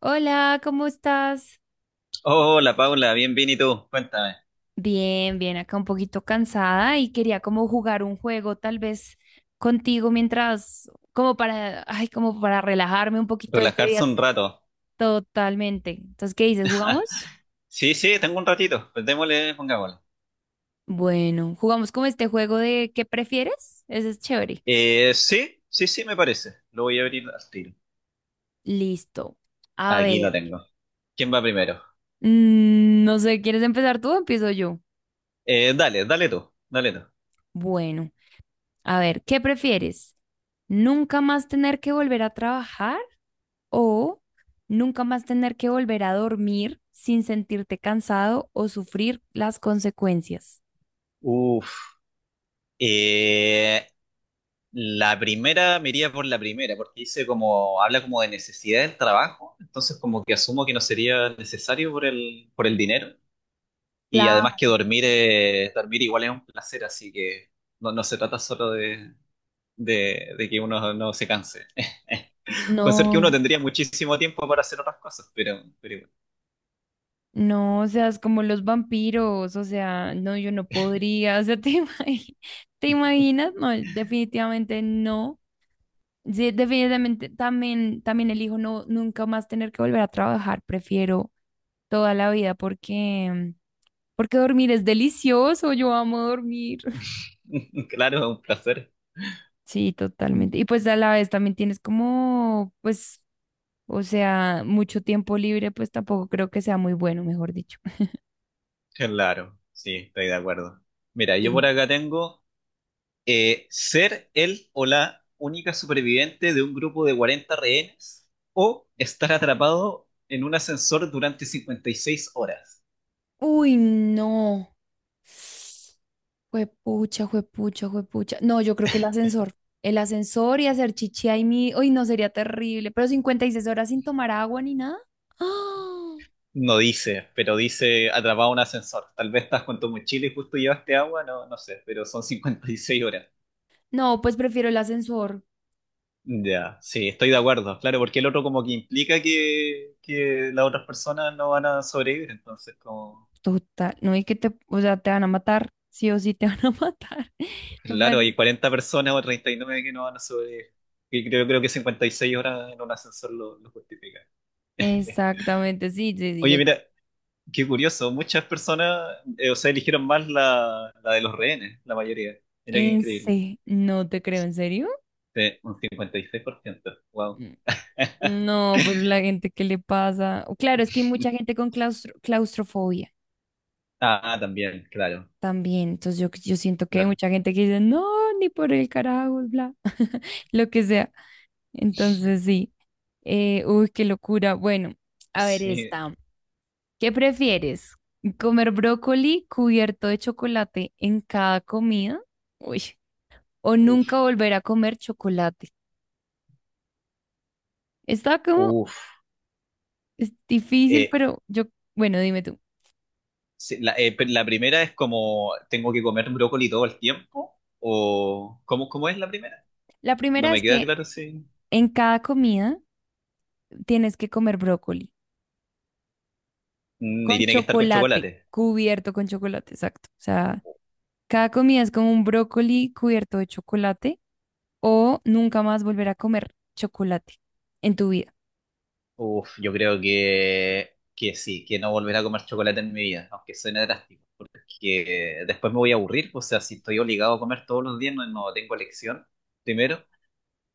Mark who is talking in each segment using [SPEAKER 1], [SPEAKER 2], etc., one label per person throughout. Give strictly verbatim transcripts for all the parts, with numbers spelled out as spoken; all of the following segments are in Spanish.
[SPEAKER 1] Hola, ¿cómo estás?
[SPEAKER 2] Hola Paula, bien, bien, ¿y tú? Cuéntame.
[SPEAKER 1] Bien, bien, acá un poquito cansada y quería como jugar un juego tal vez contigo mientras, como para, ay, como para relajarme un poquito este
[SPEAKER 2] Relajarse
[SPEAKER 1] día
[SPEAKER 2] un rato.
[SPEAKER 1] totalmente. Entonces, ¿qué dices? ¿Jugamos?
[SPEAKER 2] Sí, sí, tengo un ratito. Pues démosle, pongámosle.
[SPEAKER 1] Bueno, jugamos como este juego de ¿qué prefieres? Ese es chévere.
[SPEAKER 2] Eh, sí, sí, sí, me parece. Lo voy a abrir al tiro.
[SPEAKER 1] Listo. A
[SPEAKER 2] Aquí lo
[SPEAKER 1] ver,
[SPEAKER 2] tengo. ¿Quién va primero?
[SPEAKER 1] mm, no sé, ¿quieres empezar tú o empiezo yo?
[SPEAKER 2] Eh, dale, dale tú, dale tú.
[SPEAKER 1] Bueno, a ver, ¿qué prefieres? ¿Nunca más tener que volver a trabajar? O nunca más tener que volver a dormir sin sentirte cansado o sufrir las consecuencias.
[SPEAKER 2] Uf. Eh, la primera, me iría por la primera, porque dice como, habla como de necesidad del trabajo, entonces como que asumo que no sería necesario por el, por el dinero. Y
[SPEAKER 1] Claro,
[SPEAKER 2] además que dormir, eh, dormir igual es un placer, así que no, no se trata solo de, de, de que uno no se canse. Con ser que uno
[SPEAKER 1] no,
[SPEAKER 2] tendría muchísimo tiempo para hacer otras cosas, pero, pero
[SPEAKER 1] no, o sea, es como los vampiros, o sea, no, yo no podría, o sea, ¿te imagi- ¿te imaginas? No, definitivamente no. Sí, definitivamente también, también elijo no, nunca más tener que volver a trabajar, prefiero toda la vida porque, porque dormir es delicioso, yo amo dormir.
[SPEAKER 2] claro, es un placer.
[SPEAKER 1] Sí, totalmente. Y pues a la vez también tienes como, pues, o sea, mucho tiempo libre, pues tampoco creo que sea muy bueno, mejor dicho.
[SPEAKER 2] Claro, sí, estoy de acuerdo. Mira, yo por
[SPEAKER 1] Sí.
[SPEAKER 2] acá tengo eh, ser el o la única superviviente de un grupo de cuarenta rehenes o estar atrapado en un ascensor durante cincuenta y seis horas.
[SPEAKER 1] Uy, no. Juepucha, juepucha, juepucha. No, yo creo que el ascensor. El ascensor y hacer chichi ahí mi. Uy, no, sería terrible. Pero cincuenta y seis horas sin tomar agua ni nada. ¡Ah!
[SPEAKER 2] No dice, pero dice atrapado en un ascensor. Tal vez estás con tu mochila y justo llevaste agua, no, no sé, pero son cincuenta y seis horas.
[SPEAKER 1] No, pues prefiero el ascensor.
[SPEAKER 2] Ya, sí, estoy de acuerdo, claro, porque el otro como que implica que, que las otras personas no van a sobrevivir, entonces como,
[SPEAKER 1] Total, no, y que te, o sea, te van a matar, sí o sí te van a matar. me
[SPEAKER 2] claro,
[SPEAKER 1] parece.
[SPEAKER 2] hay cuarenta personas o treinta y nueve que no van a sobrevivir, y creo, creo que cincuenta y seis horas en un ascensor lo, lo justifica. Eh,
[SPEAKER 1] Exactamente, sí, sí, sí, yo
[SPEAKER 2] Oye, mira, qué curioso, muchas personas, eh, o sea, eligieron más la, la de los rehenes, la mayoría, mira qué
[SPEAKER 1] en
[SPEAKER 2] increíble.
[SPEAKER 1] sí, se, no te creo, ¿en serio?
[SPEAKER 2] Sí, un cincuenta y seis por ciento, wow.
[SPEAKER 1] Mm. No, pero la gente que le pasa, o claro, es que hay mucha gente con claustro- claustrofobia
[SPEAKER 2] Ah, también, claro,
[SPEAKER 1] también, entonces yo, yo siento que hay
[SPEAKER 2] claro.
[SPEAKER 1] mucha gente que dice, no, ni por el carajo, bla, lo que sea, entonces sí, Eh, uy, qué locura, bueno, a ver
[SPEAKER 2] Sí,
[SPEAKER 1] esta, ¿qué prefieres? ¿Comer brócoli cubierto de chocolate en cada comida? Uy, o nunca
[SPEAKER 2] uff,
[SPEAKER 1] volver a comer chocolate. Está como.
[SPEAKER 2] uff.
[SPEAKER 1] Es difícil, pero yo, bueno, dime tú.
[SPEAKER 2] Sí, la, eh, pe- la primera es como, ¿tengo que comer brócoli todo el tiempo? ¿O cómo, cómo es la primera?
[SPEAKER 1] La
[SPEAKER 2] No
[SPEAKER 1] primera es
[SPEAKER 2] me queda
[SPEAKER 1] que
[SPEAKER 2] claro si...
[SPEAKER 1] en cada comida tienes que comer brócoli
[SPEAKER 2] Mm.
[SPEAKER 1] con
[SPEAKER 2] Y
[SPEAKER 1] sí,
[SPEAKER 2] tiene que estar con
[SPEAKER 1] chocolate, chocolate,
[SPEAKER 2] chocolate.
[SPEAKER 1] cubierto con chocolate, exacto. O sea, cada comida es como un brócoli cubierto de chocolate o nunca más volver a comer chocolate en tu vida.
[SPEAKER 2] Uf, yo creo que, que sí, que no volveré a comer chocolate en mi vida, aunque suene drástico, porque después me voy a aburrir, o sea, si estoy obligado a comer todos los días, no, no tengo elección, primero.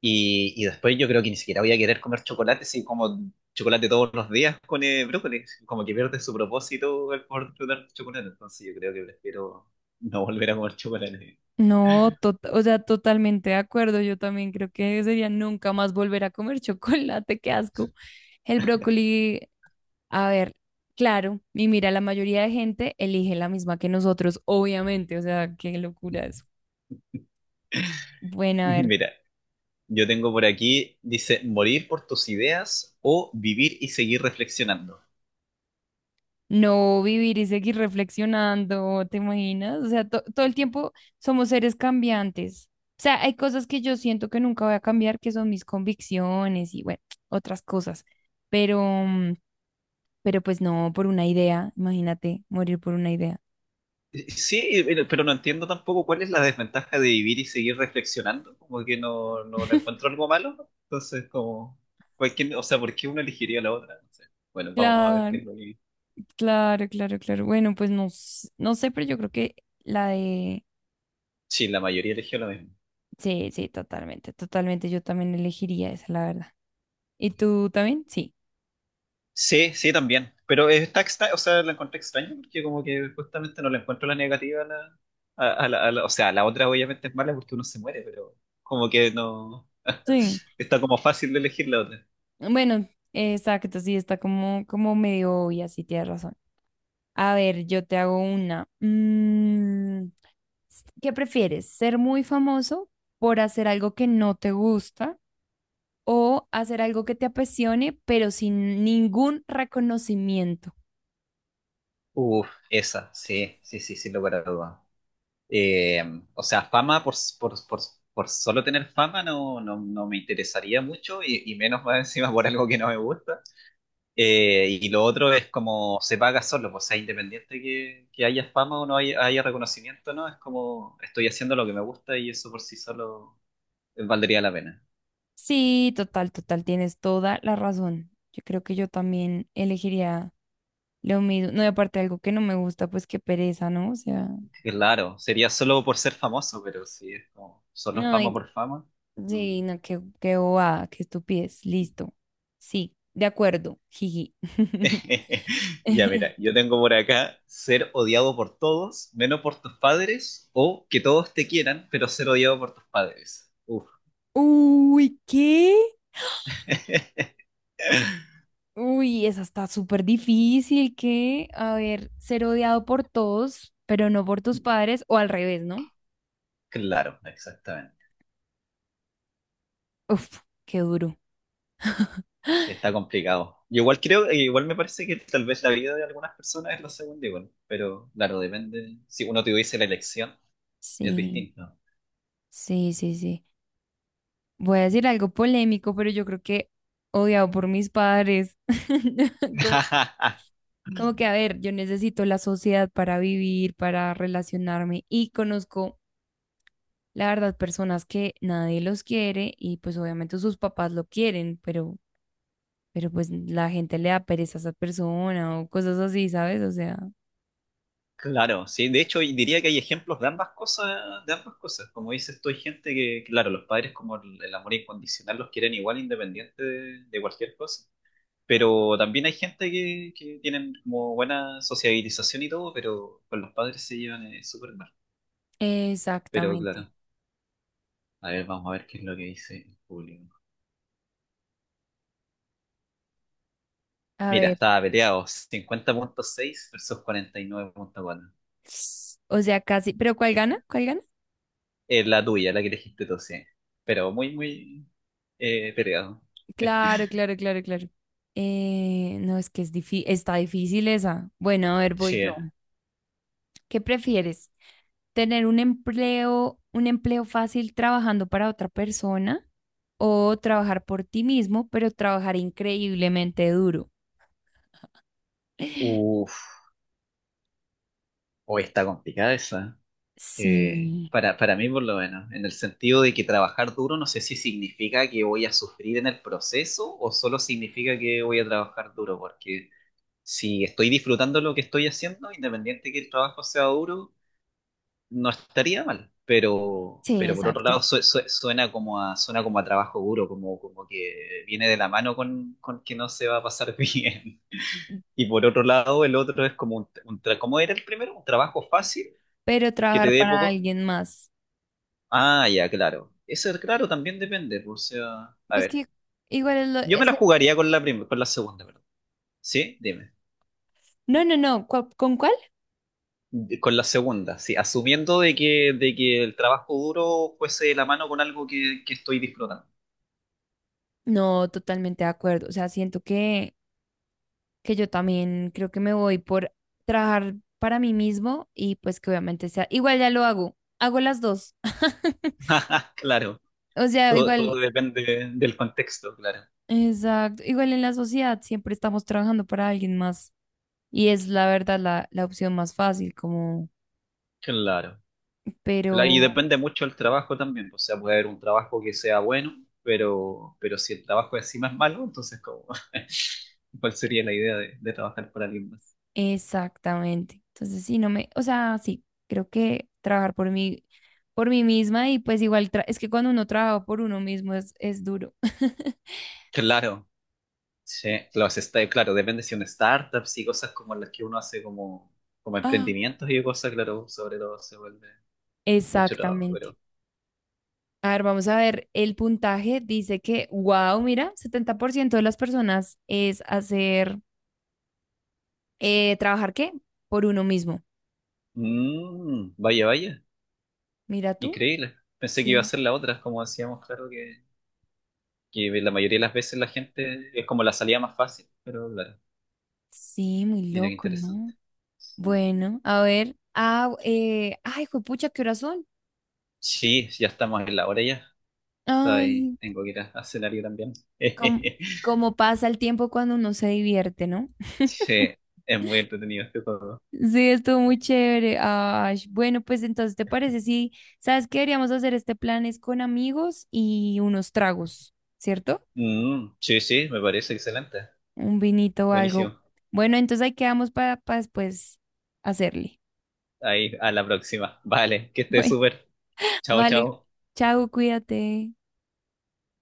[SPEAKER 2] Y, y después yo creo que ni siquiera voy a querer comer chocolate si como chocolate todos los días con eh, brócoli. Como que pierde su propósito el poder disfrutar chocolate. Entonces yo creo que prefiero no volver a comer chocolate.
[SPEAKER 1] No, to- o sea, totalmente de acuerdo. Yo también creo que sería nunca más volver a comer chocolate, qué asco. El brócoli. A ver, claro, y mira, la mayoría de gente elige la misma que nosotros, obviamente, o sea, qué locura eso. Bueno, a ver,
[SPEAKER 2] Mira, yo tengo por aquí, dice, morir por tus ideas o vivir y seguir reflexionando.
[SPEAKER 1] no, vivir y seguir reflexionando, ¿te imaginas? O sea, to- todo el tiempo somos seres cambiantes. O sea, hay cosas que yo siento que nunca voy a cambiar, que son mis convicciones y bueno, otras cosas. Pero, mm, pero pues no, por una idea, imagínate, morir por una idea.
[SPEAKER 2] Sí, pero pero no entiendo tampoco cuál es la desventaja de vivir y seguir reflexionando. Como que no, no le encuentro algo malo, ¿no? Entonces, como, cualquier, o sea, ¿por qué uno elegiría la otra? No sé. Bueno, vamos a ver qué
[SPEAKER 1] Claro,
[SPEAKER 2] es lo que...
[SPEAKER 1] claro, claro, claro. Bueno, pues no, s- no sé, pero yo creo que la de
[SPEAKER 2] Sí, la mayoría eligió lo mismo.
[SPEAKER 1] sí, sí, totalmente, totalmente. Yo también elegiría esa, la verdad. ¿Y tú también? Sí.
[SPEAKER 2] Sí, sí, también. Pero está extra- o sea, la encontré extraña porque como que justamente no le encuentro la negativa a la, a, a la, a la- o sea, la otra obviamente es mala porque uno se muere, pero como que no,
[SPEAKER 1] Sí.
[SPEAKER 2] está como fácil de elegir la otra.
[SPEAKER 1] Bueno, exacto, sí, está como, como medio obvia, sí, tienes razón. A ver, yo te hago una. Mm, s- ¿qué prefieres? ¿Ser muy famoso por hacer algo que no te gusta o hacer algo que te apasione, pero sin ningún reconocimiento?
[SPEAKER 2] Uf, esa, sí, sí, sí, sí, lo para duda. Eh, o sea, fama por, por, por, por solo tener fama no, no, no me interesaría mucho y, y menos más encima por algo que no me gusta. Eh, y lo otro es como se paga solo, pues, o sea, independiente que, que haya fama o no haya, haya reconocimiento, ¿no? Es como estoy haciendo lo que me gusta y eso por sí solo eh, valdría la pena.
[SPEAKER 1] Sí, total, total, tienes toda la razón. Yo creo que yo también elegiría lo mismo, no, y aparte algo que no me gusta, pues qué pereza, ¿no? O sea,
[SPEAKER 2] Claro, sería solo por ser famoso, pero si es como solo
[SPEAKER 1] no,
[SPEAKER 2] fama
[SPEAKER 1] y
[SPEAKER 2] por fama. No.
[SPEAKER 1] sí, no, qué, qué bobada, qué estupidez, listo. Sí, de acuerdo, jiji.
[SPEAKER 2] Ya mira, yo tengo por acá ser odiado por todos, menos por tus padres, o que todos te quieran, pero ser odiado por tus padres. Uf.
[SPEAKER 1] Uy, ¿qué? Uy, esa está súper difícil, ¿qué? A ver, ser odiado por todos, pero no por tus padres, o al revés, ¿no?
[SPEAKER 2] claro, exactamente.
[SPEAKER 1] Uf, qué duro.
[SPEAKER 2] Sí, está complicado. Y igual creo, e igual me parece que tal vez la vida de algunas personas es lo segundo igual, pero claro, depende. Si uno tuviese la elección, es
[SPEAKER 1] Sí,
[SPEAKER 2] distinto.
[SPEAKER 1] sí, sí, sí. Voy a decir algo polémico, pero yo creo que odiado por mis padres. Como. Como que, a ver, yo necesito la sociedad para vivir, para relacionarme y conozco, la verdad, personas que nadie los quiere y pues obviamente sus papás lo quieren, pero, pero pues la gente le da pereza a esa persona o cosas así, ¿sabes? O sea,
[SPEAKER 2] Claro, sí, de hecho y diría que hay ejemplos de ambas cosas, de ambas cosas. Como dices tú, hay gente que, claro, los padres como el, el amor incondicional los quieren igual independiente de, de, cualquier cosa. Pero también hay gente que, que tienen como buena sociabilización y todo, pero con los padres se llevan eh, súper mal. Pero
[SPEAKER 1] exactamente.
[SPEAKER 2] claro. A ver, vamos a ver qué es lo que dice el público.
[SPEAKER 1] A
[SPEAKER 2] Mira,
[SPEAKER 1] ver,
[SPEAKER 2] estaba peleado: cincuenta punto seis versus cuarenta y nueve punto cuatro.
[SPEAKER 1] o sea, casi, pero ¿cuál gana? ¿Cuál gana?
[SPEAKER 2] Es la tuya, la que elegiste tú, sí. Pero muy, muy, eh, peleado.
[SPEAKER 1] Claro, claro, claro, claro. Eh, no, es que es difícil, está difícil esa. Bueno, a ver, voy
[SPEAKER 2] Sí.
[SPEAKER 1] yo.
[SPEAKER 2] eh.
[SPEAKER 1] ¿Qué prefieres? ¿Tener un empleo, un empleo fácil trabajando para otra persona o trabajar por ti mismo, pero trabajar increíblemente duro?
[SPEAKER 2] Uf, hoy está complicada esa. Eh,
[SPEAKER 1] Sí,
[SPEAKER 2] para, para mí, por lo menos, en el sentido de que trabajar duro no sé si significa que voy a sufrir en el proceso o solo significa que voy a trabajar duro, porque si estoy disfrutando lo que estoy haciendo, independiente que el trabajo sea duro, no estaría mal, pero,
[SPEAKER 1] sí,
[SPEAKER 2] pero por otro
[SPEAKER 1] exacto.
[SPEAKER 2] lado su- su- suena como a, suena como a trabajo duro, como, como, que viene de la mano con, con que no se va a pasar bien. Y por otro lado, el otro es como un, un tra- ¿cómo era el primero? Un trabajo fácil
[SPEAKER 1] Pero
[SPEAKER 2] que te
[SPEAKER 1] trabajar
[SPEAKER 2] dé
[SPEAKER 1] para
[SPEAKER 2] poco.
[SPEAKER 1] alguien más.
[SPEAKER 2] Ah, ya, claro. Eso, claro, también depende, pues. O sea, a
[SPEAKER 1] Pues
[SPEAKER 2] ver,
[SPEAKER 1] que igual es lo...
[SPEAKER 2] yo me
[SPEAKER 1] es
[SPEAKER 2] la
[SPEAKER 1] el-
[SPEAKER 2] jugaría con la prim- con la segunda, perdón. ¿Sí? Dime.
[SPEAKER 1] No, no, no. ¿cu- ¿Con cuál?
[SPEAKER 2] De- Con la segunda, sí, asumiendo de que, de que el trabajo duro fuese de la mano con algo que, que estoy disfrutando.
[SPEAKER 1] No, totalmente de acuerdo. O sea, siento que, que yo también creo que me voy por trabajar para mí mismo y pues que obviamente sea... Igual ya lo hago. Hago las dos.
[SPEAKER 2] Claro.
[SPEAKER 1] O sea,
[SPEAKER 2] Todo, todo
[SPEAKER 1] igual,
[SPEAKER 2] depende del contexto, claro.
[SPEAKER 1] exacto, igual en la sociedad siempre estamos trabajando para alguien más y es la verdad la, la opción más fácil, como,
[SPEAKER 2] Claro. Claro, y
[SPEAKER 1] pero
[SPEAKER 2] depende mucho del trabajo también, pues. O sea, puede haber un trabajo que sea bueno, pero, pero si el trabajo encima es malo, entonces como ¿cuál sería la idea de, de trabajar para alguien más?
[SPEAKER 1] exactamente. Entonces, sí, no me, o sea, sí, creo que trabajar por mí, por mí misma y pues igual, tra- es que cuando uno trabaja por uno mismo es, es duro.
[SPEAKER 2] Claro, sí. Los sta- claro, depende si son startups y cosas como las que uno hace como, como
[SPEAKER 1] Ah,
[SPEAKER 2] emprendimientos y cosas, claro, sobre todo se vuelve mucho trabajo,
[SPEAKER 1] exactamente.
[SPEAKER 2] pero...
[SPEAKER 1] A ver, vamos a ver, el puntaje dice que, wow, mira, setenta por ciento de las personas es hacer, eh, ¿trabajar qué? Por uno mismo.
[SPEAKER 2] Mm, vaya, vaya,
[SPEAKER 1] Mira tú.
[SPEAKER 2] increíble. Pensé que iba a
[SPEAKER 1] Sí.
[SPEAKER 2] ser la otra, como decíamos, claro que... que la mayoría de las veces la gente es como la salida más fácil, pero claro,
[SPEAKER 1] Sí, muy
[SPEAKER 2] mira qué
[SPEAKER 1] loco, ¿no?
[SPEAKER 2] interesante. Sí.
[SPEAKER 1] Bueno, a ver. Ah, eh, ay, juepucha, qué horas son.
[SPEAKER 2] Sí, ya estamos en la hora ya. Está ahí,
[SPEAKER 1] Ay,
[SPEAKER 2] tengo que ir a, a cenar yo también.
[SPEAKER 1] cómo, cómo pasa el tiempo cuando uno se divierte, ¿no?
[SPEAKER 2] Sí, es muy entretenido este juego.
[SPEAKER 1] Sí, estuvo muy chévere. Ay, bueno, pues entonces, ¿te parece? Sí, ¿sabes qué? Deberíamos hacer este plan es con amigos y unos tragos, ¿cierto?
[SPEAKER 2] Mm, sí, sí, me parece excelente.
[SPEAKER 1] Un vinito o algo.
[SPEAKER 2] Buenísimo.
[SPEAKER 1] Bueno, entonces ahí quedamos para, para después hacerle.
[SPEAKER 2] Ahí, a la próxima. Vale, que estés
[SPEAKER 1] Bueno,
[SPEAKER 2] súper. Chao,
[SPEAKER 1] vale.
[SPEAKER 2] chao.
[SPEAKER 1] Chao, cuídate.